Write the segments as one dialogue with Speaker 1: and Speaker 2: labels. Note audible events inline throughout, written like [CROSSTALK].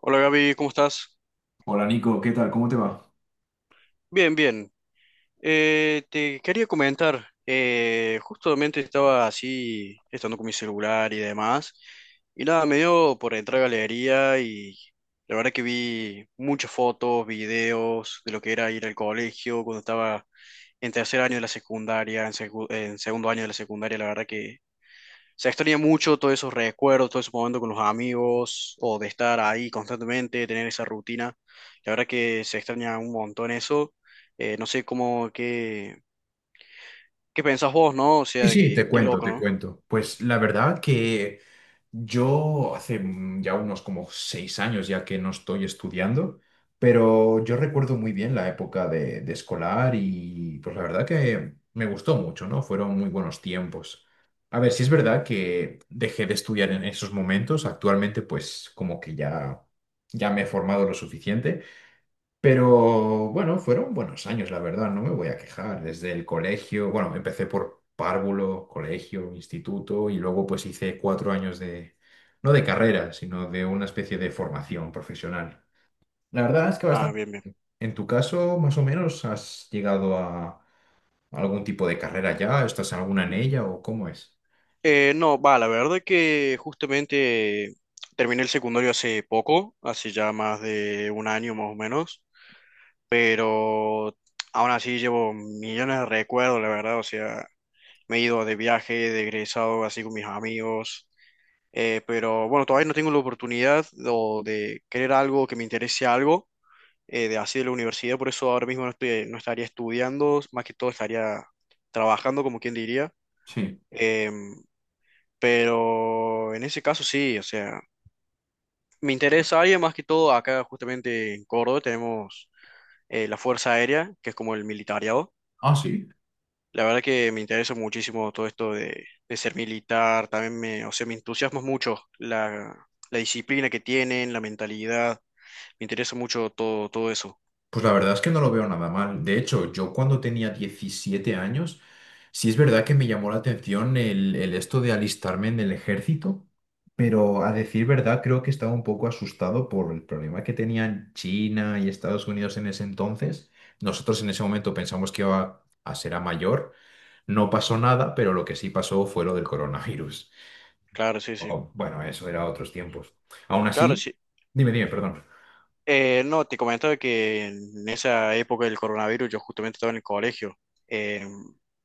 Speaker 1: Hola Gaby, ¿cómo estás?
Speaker 2: Hola Nico, ¿qué tal? ¿Cómo te va?
Speaker 1: Bien, bien. Te quería comentar, justamente estaba así, estando con mi celular y demás, y nada, me dio por entrar a galería y la verdad que vi muchas fotos, videos de lo que era ir al colegio cuando estaba en tercer año de la secundaria, en, en segundo año de la secundaria, la verdad que se extraña mucho todos esos recuerdos, todo ese momento con los amigos, o de estar ahí constantemente, de tener esa rutina. La verdad que se extraña un montón eso. No sé qué pensás vos, ¿no? O
Speaker 2: Sí,
Speaker 1: sea, de
Speaker 2: sí,
Speaker 1: que,
Speaker 2: te
Speaker 1: qué
Speaker 2: cuento,
Speaker 1: loco,
Speaker 2: te
Speaker 1: ¿no?
Speaker 2: cuento. Pues la verdad que yo hace ya unos como 6 años ya que no estoy estudiando, pero yo recuerdo muy bien la época de escolar y pues la verdad que me gustó mucho, ¿no? Fueron muy buenos tiempos. A ver, sí es verdad que dejé de estudiar en esos momentos. Actualmente pues como que ya, ya me he formado lo suficiente. Pero bueno, fueron buenos años, la verdad, no me voy a quejar. Desde el colegio, bueno, empecé por párvulo, colegio, instituto y luego pues hice cuatro años de, no de carrera, sino de una especie de formación profesional. La verdad es que
Speaker 1: Ah,
Speaker 2: bastante.
Speaker 1: bien, bien.
Speaker 2: En tu caso, más o menos, ¿has llegado a algún tipo de carrera ya? ¿Estás alguna en ella o cómo es?
Speaker 1: No, va, la verdad que justamente terminé el secundario hace poco, hace ya más de un año más o menos, pero aún así llevo millones de recuerdos, la verdad, o sea, me he ido de viaje, de egresado así con mis amigos. Pero bueno, todavía no tengo la oportunidad o de querer algo que me interese algo de así de la universidad, por eso ahora mismo no estoy, no estaría estudiando, más que todo estaría trabajando, como quien diría.
Speaker 2: Sí.
Speaker 1: Em, pero en ese caso sí, o sea, me interesa área más que todo acá justamente en Córdoba tenemos la Fuerza Aérea, que es como el militariado.
Speaker 2: Ah, sí.
Speaker 1: La verdad que me interesa muchísimo todo esto de ser militar, también me, o sea, me entusiasma mucho la, la disciplina que tienen, la mentalidad. Me interesa mucho todo, todo eso.
Speaker 2: Pues la verdad es que no lo veo nada mal. De hecho, yo cuando tenía 17 años, sí es verdad que me llamó la atención el esto de alistarme en el ejército, pero a decir verdad creo que estaba un poco asustado por el problema que tenían China y Estados Unidos en ese entonces. Nosotros en ese momento pensamos que iba a ser a mayor. No pasó nada, pero lo que sí pasó fue lo del coronavirus.
Speaker 1: Claro, sí, sí.
Speaker 2: Oh, bueno, eso era otros tiempos. Aún
Speaker 1: Claro,
Speaker 2: así,
Speaker 1: sí.
Speaker 2: dime, dime, perdón.
Speaker 1: No, te comentaba que en esa época del coronavirus yo justamente estaba en el colegio. Eh,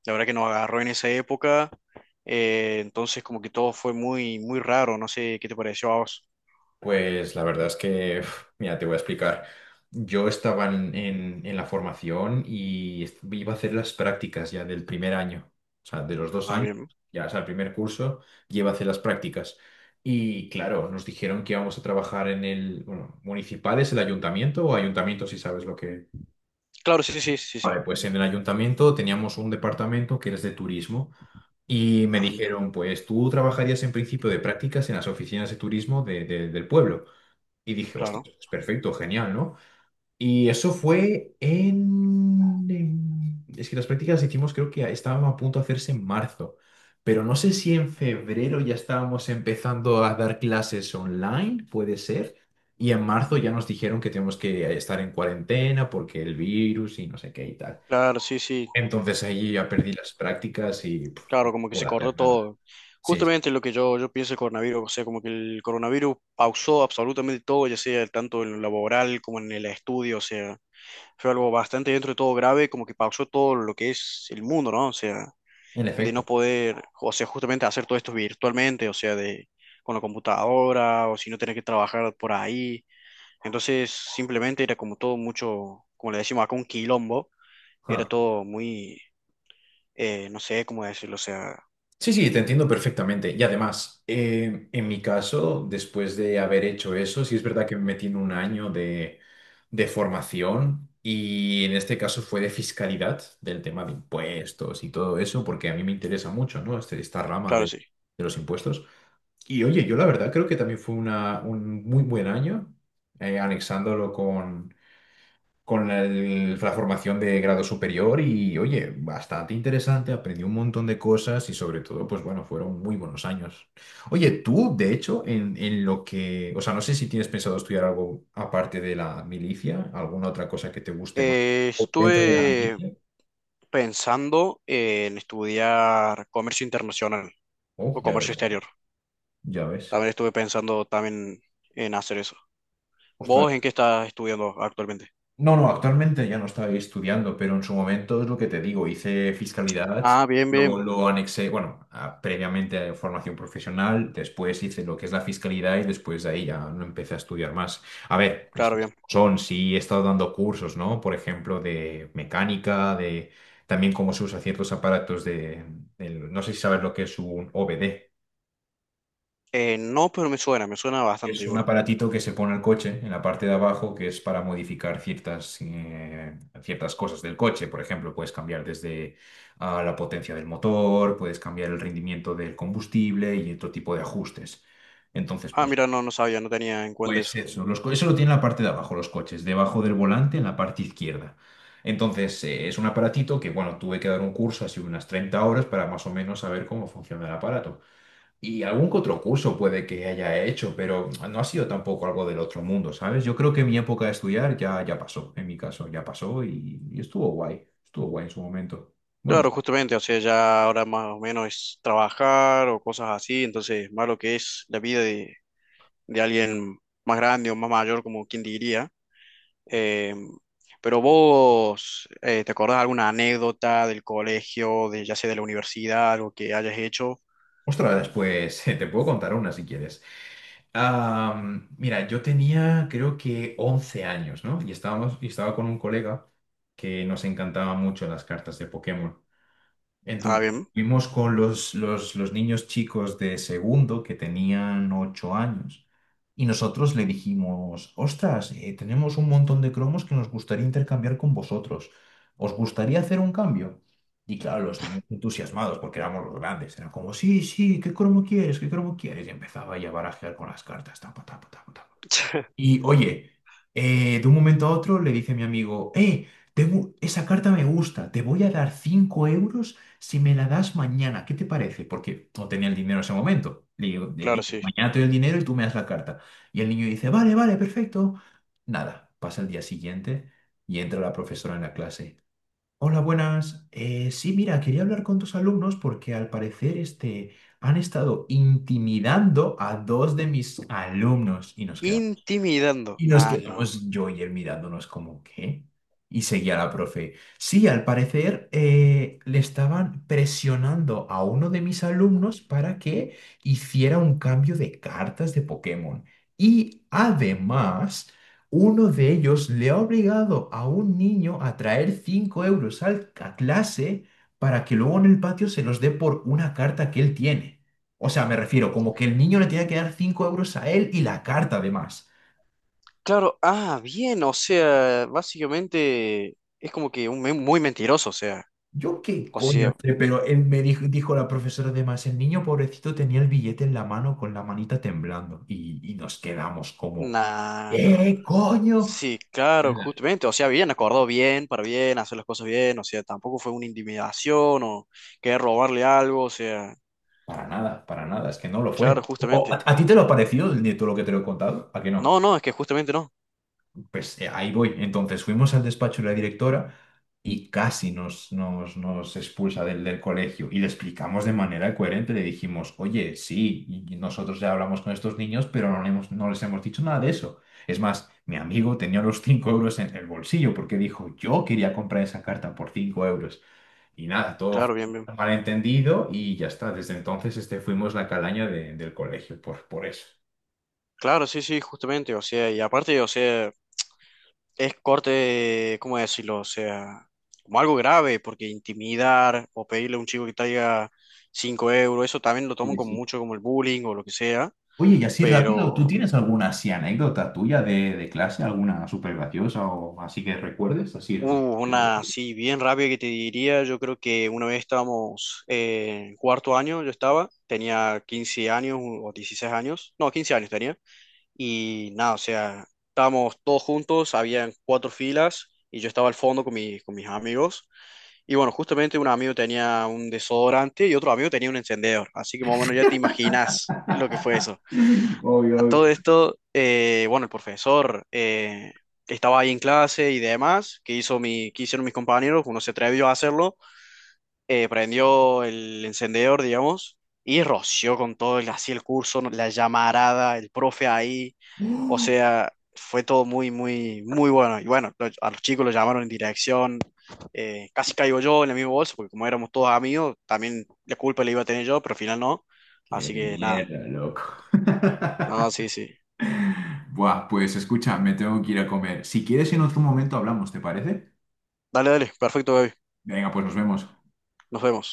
Speaker 1: la verdad que nos agarró en esa época. Entonces como que todo fue muy, muy raro. No sé qué te pareció a vos.
Speaker 2: Pues la verdad es que, uf, mira, te voy a explicar. Yo estaba en la formación y iba a hacer las prácticas ya del primer año, o sea, de los dos
Speaker 1: Ah,
Speaker 2: años,
Speaker 1: bien.
Speaker 2: ya, o sea, el primer curso, ya iba a hacer las prácticas. Y claro, nos dijeron que íbamos a trabajar en el, bueno, municipal es el ayuntamiento o ayuntamiento, si sabes lo que...
Speaker 1: Claro, sí, sí, sí, sí.
Speaker 2: Vale, pues en el ayuntamiento teníamos un departamento que era de turismo. Y me
Speaker 1: Ah, mira.
Speaker 2: dijeron, pues tú trabajarías en principio de prácticas en las oficinas de turismo del pueblo. Y dije, hostia,
Speaker 1: Claro.
Speaker 2: es perfecto, genial, ¿no? Y eso fue en... Es que las prácticas las hicimos, creo que estábamos a punto de hacerse en marzo, pero no sé si en febrero ya estábamos empezando a dar clases online, puede ser, y en marzo ya nos dijeron que tenemos que estar en cuarentena porque el virus y no sé qué y tal.
Speaker 1: Claro, sí, sí.
Speaker 2: Entonces ahí ya perdí las prácticas y puf, no
Speaker 1: Claro, como que se
Speaker 2: pude
Speaker 1: cortó
Speaker 2: hacer nada.
Speaker 1: todo.
Speaker 2: Sí, sí,
Speaker 1: Justamente lo que yo pienso del coronavirus. O sea, como que el coronavirus pausó absolutamente todo, ya sea tanto en lo laboral como en el estudio. O sea, fue algo bastante dentro de todo grave, como que pausó todo lo que es el mundo, ¿no? O sea,
Speaker 2: en
Speaker 1: de no
Speaker 2: efecto.
Speaker 1: poder, o sea, justamente hacer todo esto virtualmente, o sea, de con la computadora, o si no tener que trabajar por ahí. Entonces, simplemente era como todo mucho, como le decimos acá, un quilombo, era todo muy, no sé cómo decirlo, o sea,
Speaker 2: Sí, sí, te entiendo perfectamente. Y además, en mi caso, después de haber hecho eso, sí es verdad que me metí en un año de formación y en este caso fue de fiscalidad, del tema de impuestos y todo eso, porque a mí me interesa mucho, ¿no? Esta rama de,
Speaker 1: claro, sí.
Speaker 2: de los impuestos. Y oye, yo la verdad creo que también fue un muy buen año, anexándolo con la formación de grado superior y, oye, bastante interesante, aprendí un montón de cosas y sobre todo, pues bueno, fueron muy buenos años. Oye, tú, de hecho, en lo que, o sea, no sé si tienes pensado estudiar algo aparte de la milicia, alguna otra cosa que te guste más. ¿O dentro de la
Speaker 1: Estuve
Speaker 2: milicia?
Speaker 1: pensando en estudiar comercio internacional
Speaker 2: Oh,
Speaker 1: o
Speaker 2: ya
Speaker 1: comercio
Speaker 2: ves,
Speaker 1: exterior.
Speaker 2: ya ves.
Speaker 1: También estuve pensando también en hacer eso. ¿Vos
Speaker 2: Ostras,
Speaker 1: en qué estás estudiando actualmente?
Speaker 2: no, no, actualmente ya no estoy estudiando, pero en su momento es lo que te digo, hice fiscalidad,
Speaker 1: Ah, bien,
Speaker 2: luego
Speaker 1: bien,
Speaker 2: lo anexé, bueno, previamente a formación profesional, después hice lo que es la fiscalidad y después de ahí ya no empecé a estudiar más. A ver, las
Speaker 1: claro,
Speaker 2: cosas
Speaker 1: bien.
Speaker 2: como son, sí he estado dando cursos, ¿no? Por ejemplo, de mecánica, de también cómo se usa ciertos aparatos de, no sé si sabes lo que es un OBD.
Speaker 1: No, pero me suena bastante
Speaker 2: Es un
Speaker 1: igual.
Speaker 2: aparatito que se pone al coche en la parte de abajo que es para modificar ciertas, ciertas cosas del coche. Por ejemplo, puedes cambiar desde ah, la potencia del motor, puedes cambiar el rendimiento del combustible y otro tipo de ajustes. Entonces,
Speaker 1: Ah,
Speaker 2: pues,
Speaker 1: mira, no, no sabía, no tenía en cuenta
Speaker 2: pues
Speaker 1: eso.
Speaker 2: eso, eso lo tiene en la parte de abajo, los coches, debajo del volante en la parte izquierda. Entonces, es un aparatito que, bueno, tuve que dar un curso así unas 30 horas para más o menos saber cómo funciona el aparato. Y algún que otro curso puede que haya hecho, pero no ha sido tampoco algo del otro mundo, ¿sabes? Yo creo que mi época de estudiar ya, ya pasó, en mi caso, ya pasó y estuvo guay en su momento. Bueno,
Speaker 1: Claro, justamente, o sea, ya ahora más o menos es trabajar o cosas así, entonces más lo que es la vida de alguien más grande o más mayor, como quien diría. Eh, pero vos, ¿te acordás alguna anécdota del colegio, de ya sea de la universidad, algo que hayas hecho?
Speaker 2: ostras, después [LAUGHS] te puedo contar una si quieres. Mira, yo tenía creo que 11 años, ¿no? Y estábamos, y estaba con un colega que nos encantaba mucho las cartas de Pokémon.
Speaker 1: Ah,
Speaker 2: Entonces,
Speaker 1: bien.
Speaker 2: fuimos con los niños chicos de segundo que tenían 8 años y nosotros le dijimos, ostras, tenemos un montón de cromos que nos gustaría intercambiar con vosotros. ¿Os gustaría hacer un cambio? Y claro, los niños entusiasmados, porque éramos los grandes, eran como, sí, sí, ¿qué cromo quieres? ¿Qué cromo quieres? Y empezaba ya a barajear con las cartas, tapa, tapa, tapa, tapa.
Speaker 1: [LAUGHS]
Speaker 2: Y oye, de un momento a otro le dice mi amigo, esa carta me gusta, te voy a dar 5 euros si me la das mañana, ¿qué te parece? Porque no tenía el dinero en ese momento. Le
Speaker 1: Claro,
Speaker 2: digo,
Speaker 1: sí.
Speaker 2: mañana te doy el dinero y tú me das la carta. Y el niño dice, vale, vale, perfecto. Nada, pasa el día siguiente y entra la profesora en la clase. Hola, buenas. Sí, mira, quería hablar con tus alumnos porque al parecer este, han estado intimidando a dos de mis alumnos y nos quedamos.
Speaker 1: ¿Intimidando?
Speaker 2: Y nos
Speaker 1: Ah, no.
Speaker 2: quedamos yo y él mirándonos como, ¿qué? Y seguía la profe. Sí, al parecer le estaban presionando a uno de mis alumnos para que hiciera un cambio de cartas de Pokémon. Y además, uno de ellos le ha obligado a un niño a traer 5 euros a clase para que luego en el patio se los dé por una carta que él tiene. O sea, me refiero como que el niño le tenía que dar 5 euros a él y la carta además.
Speaker 1: Claro, ah, bien, o sea, básicamente es como que un, muy mentiroso,
Speaker 2: Yo qué
Speaker 1: o
Speaker 2: coño
Speaker 1: sea,
Speaker 2: sé, pero él me dijo, dijo la profesora además, el niño pobrecito tenía el billete en la mano con la manita temblando y nos quedamos como,
Speaker 1: nah, nah, nah.
Speaker 2: ¡eh, coño!
Speaker 1: Sí, claro, justamente, o sea, bien, acordó bien, para bien, hacer las cosas bien, o sea, tampoco fue una intimidación o querer robarle algo, o sea,
Speaker 2: Para nada, es que no lo
Speaker 1: claro,
Speaker 2: fue. O- ¿A,
Speaker 1: justamente.
Speaker 2: a ti te lo ha parecido de todo lo que te lo he contado? ¿A que no?
Speaker 1: No, no, es que justamente no,
Speaker 2: Pues ahí voy. Entonces fuimos al despacho de la directora y casi nos expulsa del colegio. Y le explicamos de manera coherente, le dijimos, oye, sí, y nosotros ya hablamos con estos niños, pero no, no les hemos dicho nada de eso. Es más, mi amigo tenía los 5 euros en el bolsillo porque dijo, yo quería comprar esa carta por 5 euros. Y nada, todo fue
Speaker 1: claro, bien, bien.
Speaker 2: un malentendido y ya está. Desde entonces este, fuimos la calaña del colegio por eso.
Speaker 1: Claro, sí, sí, justamente, o sea, y aparte, o sea, es corte, ¿cómo decirlo? O sea, como algo grave, porque intimidar o pedirle a un chico que traiga 5 euros, eso también lo toman
Speaker 2: Sí,
Speaker 1: como
Speaker 2: sí.
Speaker 1: mucho como el bullying o lo que sea,
Speaker 2: Oye, y así rápido, ¿tú
Speaker 1: pero
Speaker 2: tienes alguna así anécdota tuya de clase, alguna súper graciosa o así que recuerdes? Así. [LAUGHS]
Speaker 1: hubo una así bien rápida que te diría, yo creo que una vez estábamos en 4.º año, yo estaba, tenía 15 años o 16 años, no, 15 años tenía. Y nada, o sea, estábamos todos juntos, habían 4 filas y yo estaba al fondo con, con mis amigos. Y bueno, justamente un amigo tenía un desodorante y otro amigo tenía un encendedor. Así que más o menos ya te imaginas lo que fue eso. A
Speaker 2: Obvio,
Speaker 1: todo
Speaker 2: obvio.
Speaker 1: esto, bueno, el profesor estaba ahí en clase y demás, que hizo mi, que hicieron mis compañeros, uno se atrevió a hacerlo prendió el encendedor, digamos, y roció con todo el, así el curso, ¿no?, la llamarada, el profe ahí. O
Speaker 2: [GASPS]
Speaker 1: sea, fue todo muy, muy, muy bueno. Y bueno, a los chicos los llamaron en dirección. Casi caigo yo en el mismo bolso, porque como éramos todos amigos, también la culpa la iba a tener yo, pero al final no.
Speaker 2: ¡Qué
Speaker 1: Así que nada,
Speaker 2: mierda, loco! [LAUGHS]
Speaker 1: nada, sí, sí.
Speaker 2: Buah, pues escucha, me tengo que ir a comer. Si quieres, en otro momento hablamos, ¿te parece?
Speaker 1: Dale, dale, perfecto, baby.
Speaker 2: Venga, pues nos vemos.
Speaker 1: Nos vemos.